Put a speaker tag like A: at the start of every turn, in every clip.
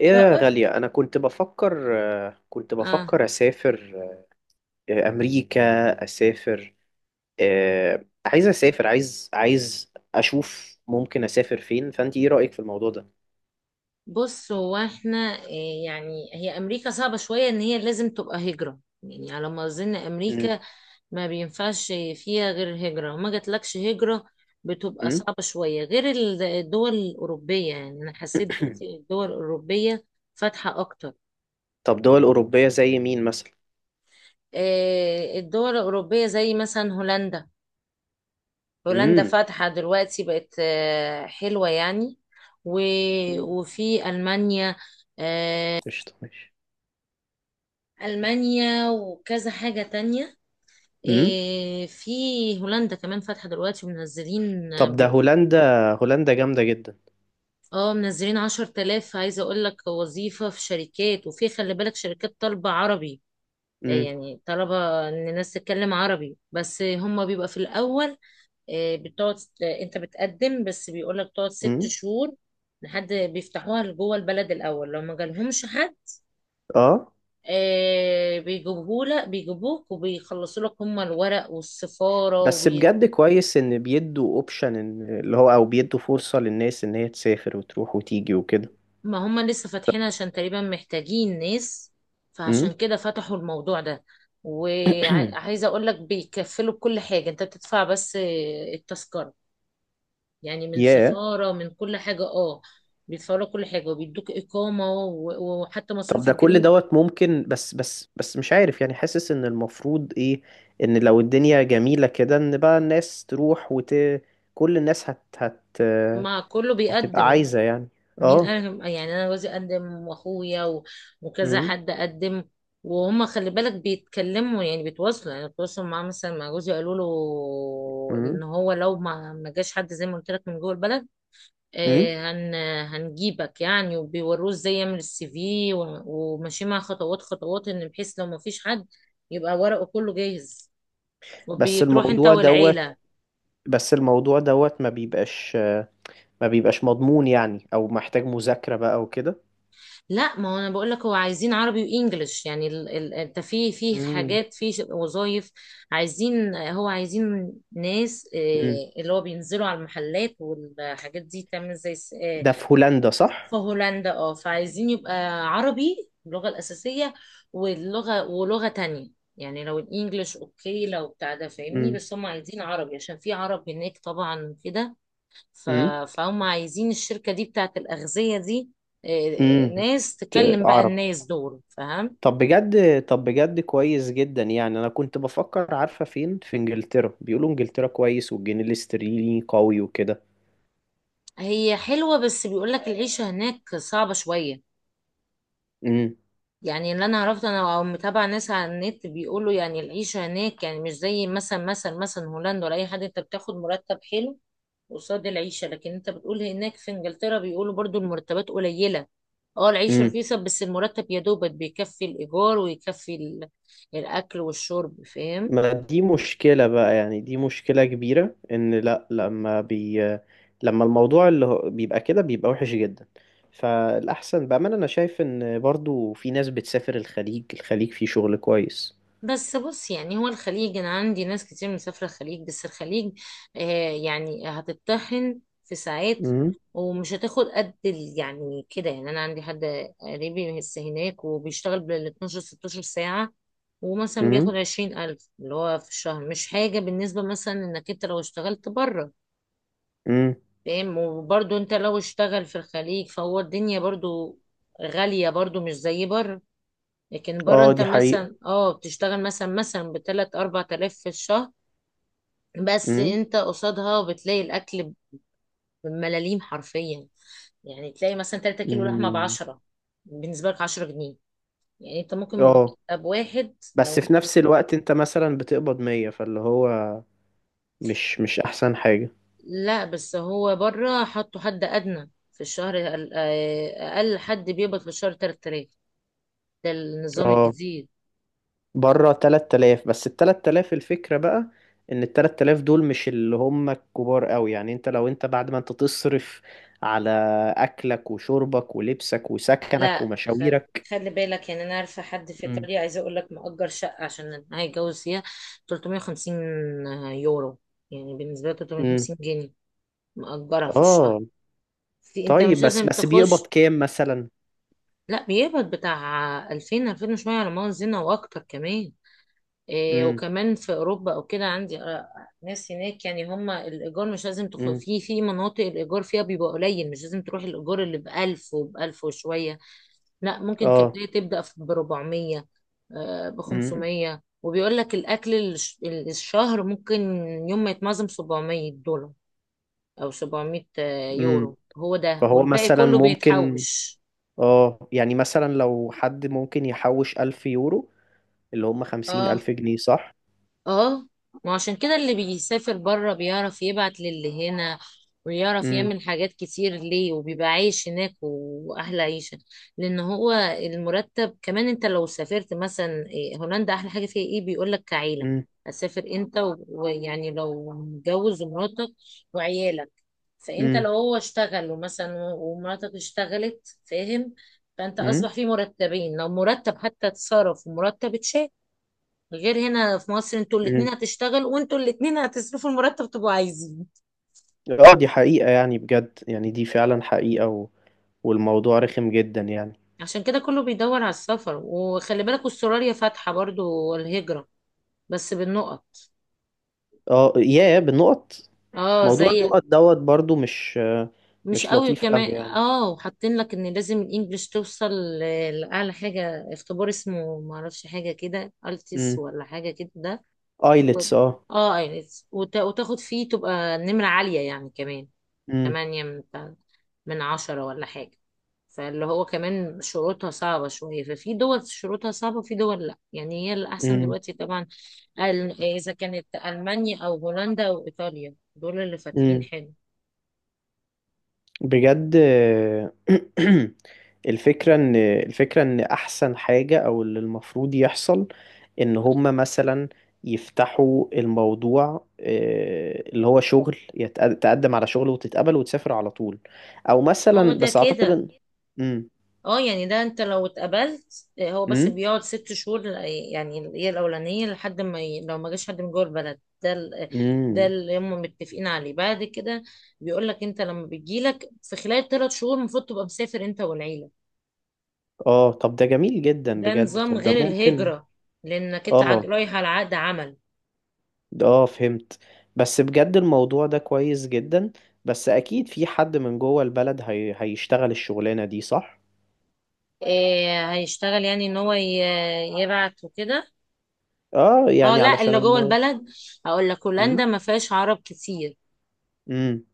A: ايه يا
B: بقول
A: غالية، انا كنت بفكر. كنت
B: اه
A: بفكر اسافر امريكا. اسافر. عايز اسافر، عايز اشوف ممكن اسافر فين، فانت ايه رأيك في الموضوع ده؟
B: بص هو احنا يعني هي امريكا صعبة شوية ان هي لازم تبقى هجرة، يعني على ما اظن
A: مم.
B: امريكا ما بينفعش فيها غير هجرة، وما جاتلكش هجرة بتبقى
A: مم.
B: صعبة شوية. غير الدول الأوروبية، يعني أنا حسيت دلوقتي الدول الأوروبية فاتحة أكتر.
A: طب دول اوروبية زي مين مثلا؟
B: الدول الأوروبية زي مثلا هولندا. هولندا
A: امم.
B: فاتحة دلوقتي، بقت حلوة يعني. وفي ألمانيا آه،
A: قشطة، ماشي.
B: ألمانيا وكذا حاجة تانية.
A: مم.
B: إيه في هولندا كمان فاتحة دلوقتي ومنزلين.
A: طب ده
B: بيقول
A: هولندا. هولندا جامدة جدا.
B: اه منزلين عشر تلاف، عايزة اقول لك وظيفة في شركات، وفي خلي بالك شركات طالبة عربي. إيه
A: امم.
B: يعني طلبة ان الناس تتكلم عربي. بس هما بيبقى في الاول إيه بتقعد، انت بتقدم بس بيقول لك تقعد ست
A: امم.
B: شهور لحد بيفتحوها لجوه البلد الاول. لو ما جالهمش حد،
A: اه،
B: آه بيجيبوه لك، بيجيبوك وبيخلصوا لك هم الورق والسفارة
A: بس بجد كويس ان بيدوا اوبشن ان اللي هو، او بيدوا فرصة للناس ان هي تسافر وتروح وتيجي وكده.
B: ما هم لسه فاتحين عشان تقريبا محتاجين ناس، فعشان كده فتحوا الموضوع ده. وعايزة اقول لك بيكفلوا كل حاجة، انت بتدفع بس التذكرة، يعني من
A: ياه.
B: سفارة من كل حاجة اه. بيدفعوا لك كل حاجة وبيدوك إقامة وحتى
A: طب
B: مصاريف
A: ده كل
B: الجرين.
A: دوت ممكن، بس مش عارف يعني، حاسس ان المفروض ايه، ان لو الدنيا جميلة كده ان بقى الناس تروح كل الناس هت هت
B: مع كله
A: هتبقى
B: بيقدم،
A: عايزة يعني.
B: مين
A: اه.
B: قال؟ يعني انا جوزي قدم، واخويا وكذا
A: امم.
B: حد قدم. وهم خلي بالك بيتكلموا يعني بيتواصلوا معاه، مثلا مع جوزي قالوا له
A: امم.
B: ان هو لو ما جاش حد زي ما قلت لك من جوه البلد
A: امم.
B: آه، هن هنجيبك يعني، وبيوروه ازاي يعمل السي في، وماشي مع خطوات خطوات، ان بحيث لو ما فيش حد يبقى ورقه كله جاهز،
A: بس
B: وبتروح انت
A: الموضوع دوت
B: والعيلة.
A: بس الموضوع دوت ما بيبقاش مضمون يعني، او محتاج مذاكرة بقى وكده.
B: لا ما هو انا بقول لك هو عايزين عربي وانجليش. يعني انت في
A: امم.
B: حاجات في وظايف عايزين، هو عايزين ناس
A: امم.
B: اللي هو بينزلوا على المحلات والحاجات دي تعمل زي
A: ده في هولندا صح؟
B: في هولندا اه، فعايزين يبقى عربي اللغة الأساسية، واللغة ولغة تانية. يعني لو الانجليش اوكي لو بتاع ده فاهمني،
A: امم.
B: بس هم عايزين عربي عشان في عرب هناك طبعا كده. ف-
A: امم.
B: فهم عايزين الشركة دي بتاعت الأغذية دي، آه،
A: امم.
B: ناس تكلم بقى
A: عرب.
B: الناس دول فاهم.
A: طب بجد كويس جدا يعني، انا كنت بفكر عارفه فين، في انجلترا بيقولوا انجلترا كويس والجنيه الاسترليني قوي وكده.
B: هي حلوة، بس بيقولك العيشة هناك صعبة شوية.
A: امم.
B: يعني اللي أنا عرفت أنا أو متابعة ناس على النت بيقولوا، يعني العيشة هناك يعني مش زي مثلا هولندا ولا أي حد، أنت بتاخد مرتب حلو قصاد العيشة. لكن أنت بتقول هناك في إنجلترا بيقولوا برضو المرتبات قليلة، اه العيشة
A: امم.
B: رخيصة بس المرتب يا دوبك بيكفي الإيجار، ويكفي الأكل والشرب فاهم.
A: ما دي مشكله بقى يعني، دي مشكله كبيره ان لا، لما الموضوع بيبقى كده، بيبقى وحش جدا. فالاحسن بامانه انا شايف ان برضو في ناس بتسافر الخليج، الخليج فيه شغل كويس.
B: بس بص، يعني هو الخليج انا عندي ناس كتير مسافره الخليج، بس الخليج آه يعني هتتطحن في ساعات،
A: امم.
B: ومش هتاخد قد يعني كده. يعني انا عندي حد قريبي لسه هناك، وبيشتغل بال 12 16 ساعه، ومثلا
A: امم.
B: بياخد 20,000 اللي هو في الشهر، مش حاجه بالنسبه مثلا انك انت لو اشتغلت بره
A: امم.
B: فاهم. وبرضه انت لو اشتغل في الخليج فهو الدنيا برضه غاليه، برضه مش زي بره. لكن بره
A: اه،
B: انت
A: دي حقيقه.
B: مثلا اه بتشتغل مثلا بتلات اربع تلاف في الشهر، بس
A: امم.
B: انت قصادها بتلاقي الاكل بملاليم حرفيا. يعني تلاقي مثلا تلاتة كيلو لحمة
A: امم.
B: بعشرة، بالنسبة لك عشرة جنيه. يعني انت ممكن
A: اه،
B: بمرتب واحد لو
A: بس في
B: انت،
A: نفس الوقت انت مثلا بتقبض 100، فاللي هو مش احسن حاجة.
B: لا بس هو بره حطوا حد ادنى في الشهر اقل، أقل حد بيقبض في الشهر تلات تلاف، ده النظام
A: اه،
B: الجديد.
A: بره 3000، بس ال 3000 الفكرة بقى ان ال 3000 دول مش اللي هم الكبار قوي يعني، انت لو انت بعد ما انت تصرف على اكلك وشربك ولبسك وسكنك
B: لا خل...
A: ومشاويرك.
B: خلي بالك، يعني انا عارفه حد في
A: امم.
B: ايطاليا عايزه اقول لك، مأجر شقه عشان هيتجوز فيها 350 يورو، يعني بالنسبه له
A: امم.
B: 350 جنيه مأجرها في الشهر.
A: اه،
B: في انت
A: طيب،
B: مش
A: بس
B: لازم
A: بس بيقبض
B: تخش.
A: كام مثلا؟
B: لا بيقبض بتاع 2000 2000 وشويه على ما اظن، واكتر كمان. إيه
A: امم.
B: وكمان في اوروبا او كده عندي ناس هناك، يعني هم الايجار مش لازم
A: امم.
B: في مناطق الايجار فيها بيبقى قليل، مش لازم تروح الايجار اللي ب 1000 وب 1000 وشويه. لا ممكن
A: اه.
B: كبداية تبدأ ب 400، ب
A: امم.
B: 500. وبيقول لك الأكل الشهر ممكن يوم ما يتنظم 700 دولار، أو 700
A: امم.
B: يورو. هو ده،
A: فهو
B: والباقي
A: مثلا
B: كله
A: ممكن،
B: بيتحوش
A: اه، يعني مثلا لو حد ممكن يحوش 1000 يورو، اللي هم خمسين
B: اه
A: ألف جنيه صح؟
B: اه. ما عشان كده اللي بيسافر بره بيعرف يبعت للي هنا، ويعرف
A: امم.
B: يعمل حاجات كتير ليه، وبيبقى عايش هناك واحلى عيشة. لان هو المرتب كمان، انت لو سافرت مثلا هولندا احلى حاجة فيها ايه، بيقولك كعيلة
A: امم.
B: هتسافر انت ويعني لو متجوز ومراتك وعيالك، فانت لو
A: امم.
B: هو اشتغل، ومثلا ومراتك اشتغلت فاهم، فانت اصبح
A: امم.
B: في مرتبين، لو مرتب حتى اتصرف ومرتب اتشال، غير هنا في مصر انتوا الاتنين
A: امم.
B: هتشتغل وانتوا الاتنين هتصرفوا المرتب تبقوا عايزين.
A: اه، دي حقيقة يعني، بجد يعني، دي فعلا حقيقة. و... والموضوع رخم جدا يعني.
B: عشان كده كله بيدور على السفر، وخلي بالك استراليا فاتحة برضو الهجرة بس بالنقط.
A: اه يا بالنقط.
B: اه زي،
A: موضوع النقط دوت برضو مش،
B: مش
A: مش
B: قوي
A: لطيف قوي
B: كمان
A: يعني.
B: اه، حاطين لك ان لازم الانجليش توصل لاعلى حاجة، اختبار اسمه معرفش، حاجة كده التس
A: امم.
B: ولا حاجة كده ده و...
A: ايلتس، اه.
B: اه ايلتس وتاخد فيه تبقى نمرة عالية يعني كمان،
A: امم.
B: تمانية من عشرة ولا حاجة. فاللي هو كمان شروطها صعبة شوية. ففي دول شروطها صعبة، وفي دول لأ. يعني هي الأحسن دلوقتي طبعا، إذا كانت ألمانيا أو هولندا أو إيطاليا، دول اللي فاتحين
A: امم.
B: حلو.
A: بجد. الفكرة ان احسن حاجة او اللي المفروض يحصل ان هما مثلا يفتحوا الموضوع، اللي هو شغل تقدم على شغل وتتقبل وتسافر على طول، او
B: ما هو
A: مثلا
B: ده
A: بس اعتقد
B: كده
A: ان. امم.
B: اه، يعني ده انت لو اتقبلت هو بس
A: امم.
B: بيقعد ست شهور، يعني هي الاولانيه لحد ما لو ما جاش حد من جوه البلد، ده ال... آه، ده
A: امم.
B: اللي هم متفقين عليه. بعد كده بيقول لك انت لما بتجيلك في خلال ثلاث شهور المفروض تبقى مسافر انت والعيله،
A: اه، طب ده جميل جدا
B: ده
A: بجد،
B: نظام
A: طب ده
B: غير
A: ممكن.
B: الهجره، لانك انت عاد
A: اه.
B: رايح على عقد عمل.
A: اه، فهمت. بس بجد الموضوع ده كويس جدا. بس اكيد في حد من جوه البلد هيشتغل الشغلانة دي، صح؟
B: إيه هيشتغل، يعني ان هو يبعت وكده
A: اه،
B: اه.
A: يعني
B: لا
A: علشان
B: اللي جوه
A: الموضوع.
B: البلد، هقول لك هولندا
A: امم.
B: ما فيهاش عرب كتير،
A: امم.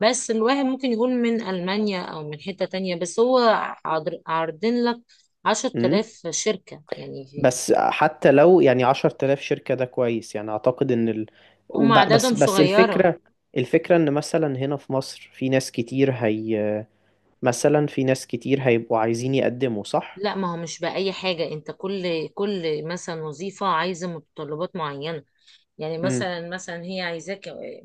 B: بس الواحد ممكن يكون من ألمانيا أو من حتة تانية، بس هو عارضين لك عشرة
A: امم.
B: آلاف شركة يعني
A: بس حتى لو يعني 10000 شركة، ده كويس يعني، اعتقد ان ال.
B: هم
A: وب...
B: أعدادهم
A: بس بس
B: صغيرة.
A: الفكرة ان مثلا هنا في مصر في ناس كتير هي، مثلا في ناس كتير هيبقوا عايزين يقدموا، صح؟
B: لا ما هو مش بأي حاجة. أنت كل مثلا وظيفة عايزة متطلبات معينة. يعني
A: امم.
B: مثلا هي عايزاك،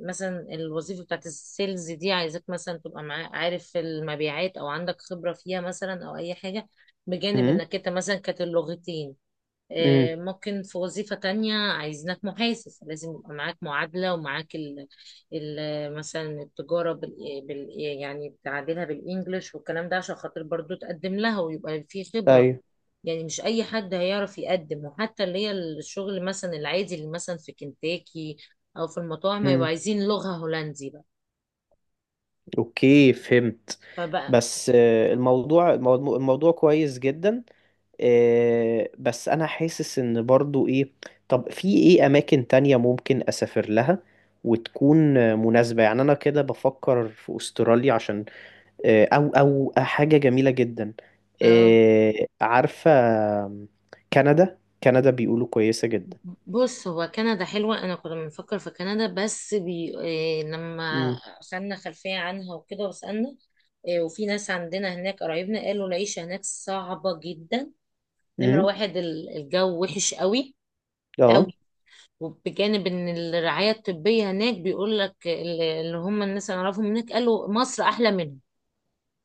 B: مثلا الوظيفة بتاعت السيلز دي عايزاك مثلا تبقى عارف المبيعات، أو عندك خبرة فيها مثلا، أو أي حاجة بجانب
A: امم.
B: إنك أنت مثلا كانت اللغتين.
A: امم.
B: ممكن في وظيفة تانية عايزينك محاسب، لازم يبقى معاك معادلة ومعاك ال ال مثلا التجارة بال يعني بتعادلها بالإنجلش والكلام ده، عشان خاطر برضو تقدم لها ويبقى في خبرة.
A: ايوه.
B: يعني مش أي حد هيعرف يقدم، وحتى اللي هي الشغل مثلا العادي اللي مثلا في كنتاكي أو في المطاعم هيبقوا
A: إمم.
B: عايزين لغة هولندي بقى.
A: اوكي، فهمت.
B: فبقى
A: بس الموضوع كويس جدا. بس انا حاسس ان برضو ايه، طب في ايه اماكن تانية ممكن اسافر لها وتكون مناسبة يعني. انا كده بفكر في استراليا عشان او حاجة جميلة جدا.
B: آه.
A: عارفة. كندا. كندا بيقولوا كويسة جدا.
B: بص هو كندا حلوة، أنا كنا بنفكر في كندا بس إيه لما
A: امم.
B: خدنا خلفية عنها وكده وسألنا، إيه وفي ناس عندنا هناك قرايبنا قالوا العيشة هناك صعبة جدا. نمرة
A: امم.
B: واحد الجو وحش قوي
A: اه.
B: قوي. وبجانب إن الرعاية الطبية هناك بيقول لك اللي هم الناس اللي أعرفهم هناك قالوا مصر أحلى منهم،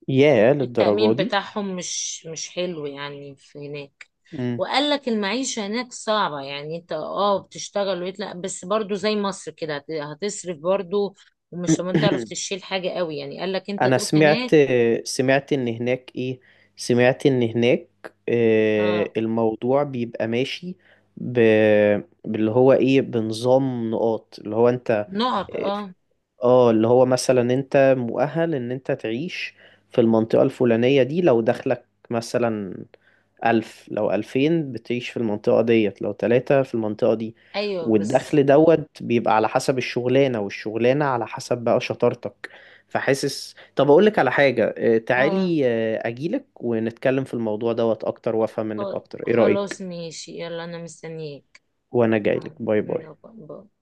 A: ياه، للدرجة
B: التأمين
A: دي.
B: بتاعهم مش حلو يعني في هناك.
A: امم.
B: وقال لك المعيشة هناك صعبة يعني، انت اه بتشتغل ويطلع بس برضو زي مصر كده هتصرف برضو، ومش ما تعرف تشيل حاجة قوي يعني، قال لك انت
A: انا
B: تروح
A: سمعت،
B: هناك.
A: سمعت ان هناك ايه، سمعت ان هناك
B: اه
A: الموضوع بيبقى ماشي ب... باللي هو ايه، بنظام نقاط، اللي هو انت.
B: نقط اه،
A: اه، اللي هو مثلا انت مؤهل ان انت تعيش في المنطقة الفلانية دي، لو دخلك مثلا ألف، لو ألفين بتعيش في المنطقة ديت، لو تلاتة في المنطقة دي.
B: ايوه بس
A: والدخل دوت بيبقى على حسب الشغلانة، والشغلانة على حسب بقى شطارتك. فحاسس، طب أقولك على حاجة،
B: اه.
A: تعالي، أجيلك ونتكلم في الموضوع دوت أكتر وأفهم منك أكتر، إيه رأيك؟
B: خلاص ماشي، يلا انا مستنياك.
A: وأنا جايلك،
B: آه،
A: باي باي.
B: يلا، باي.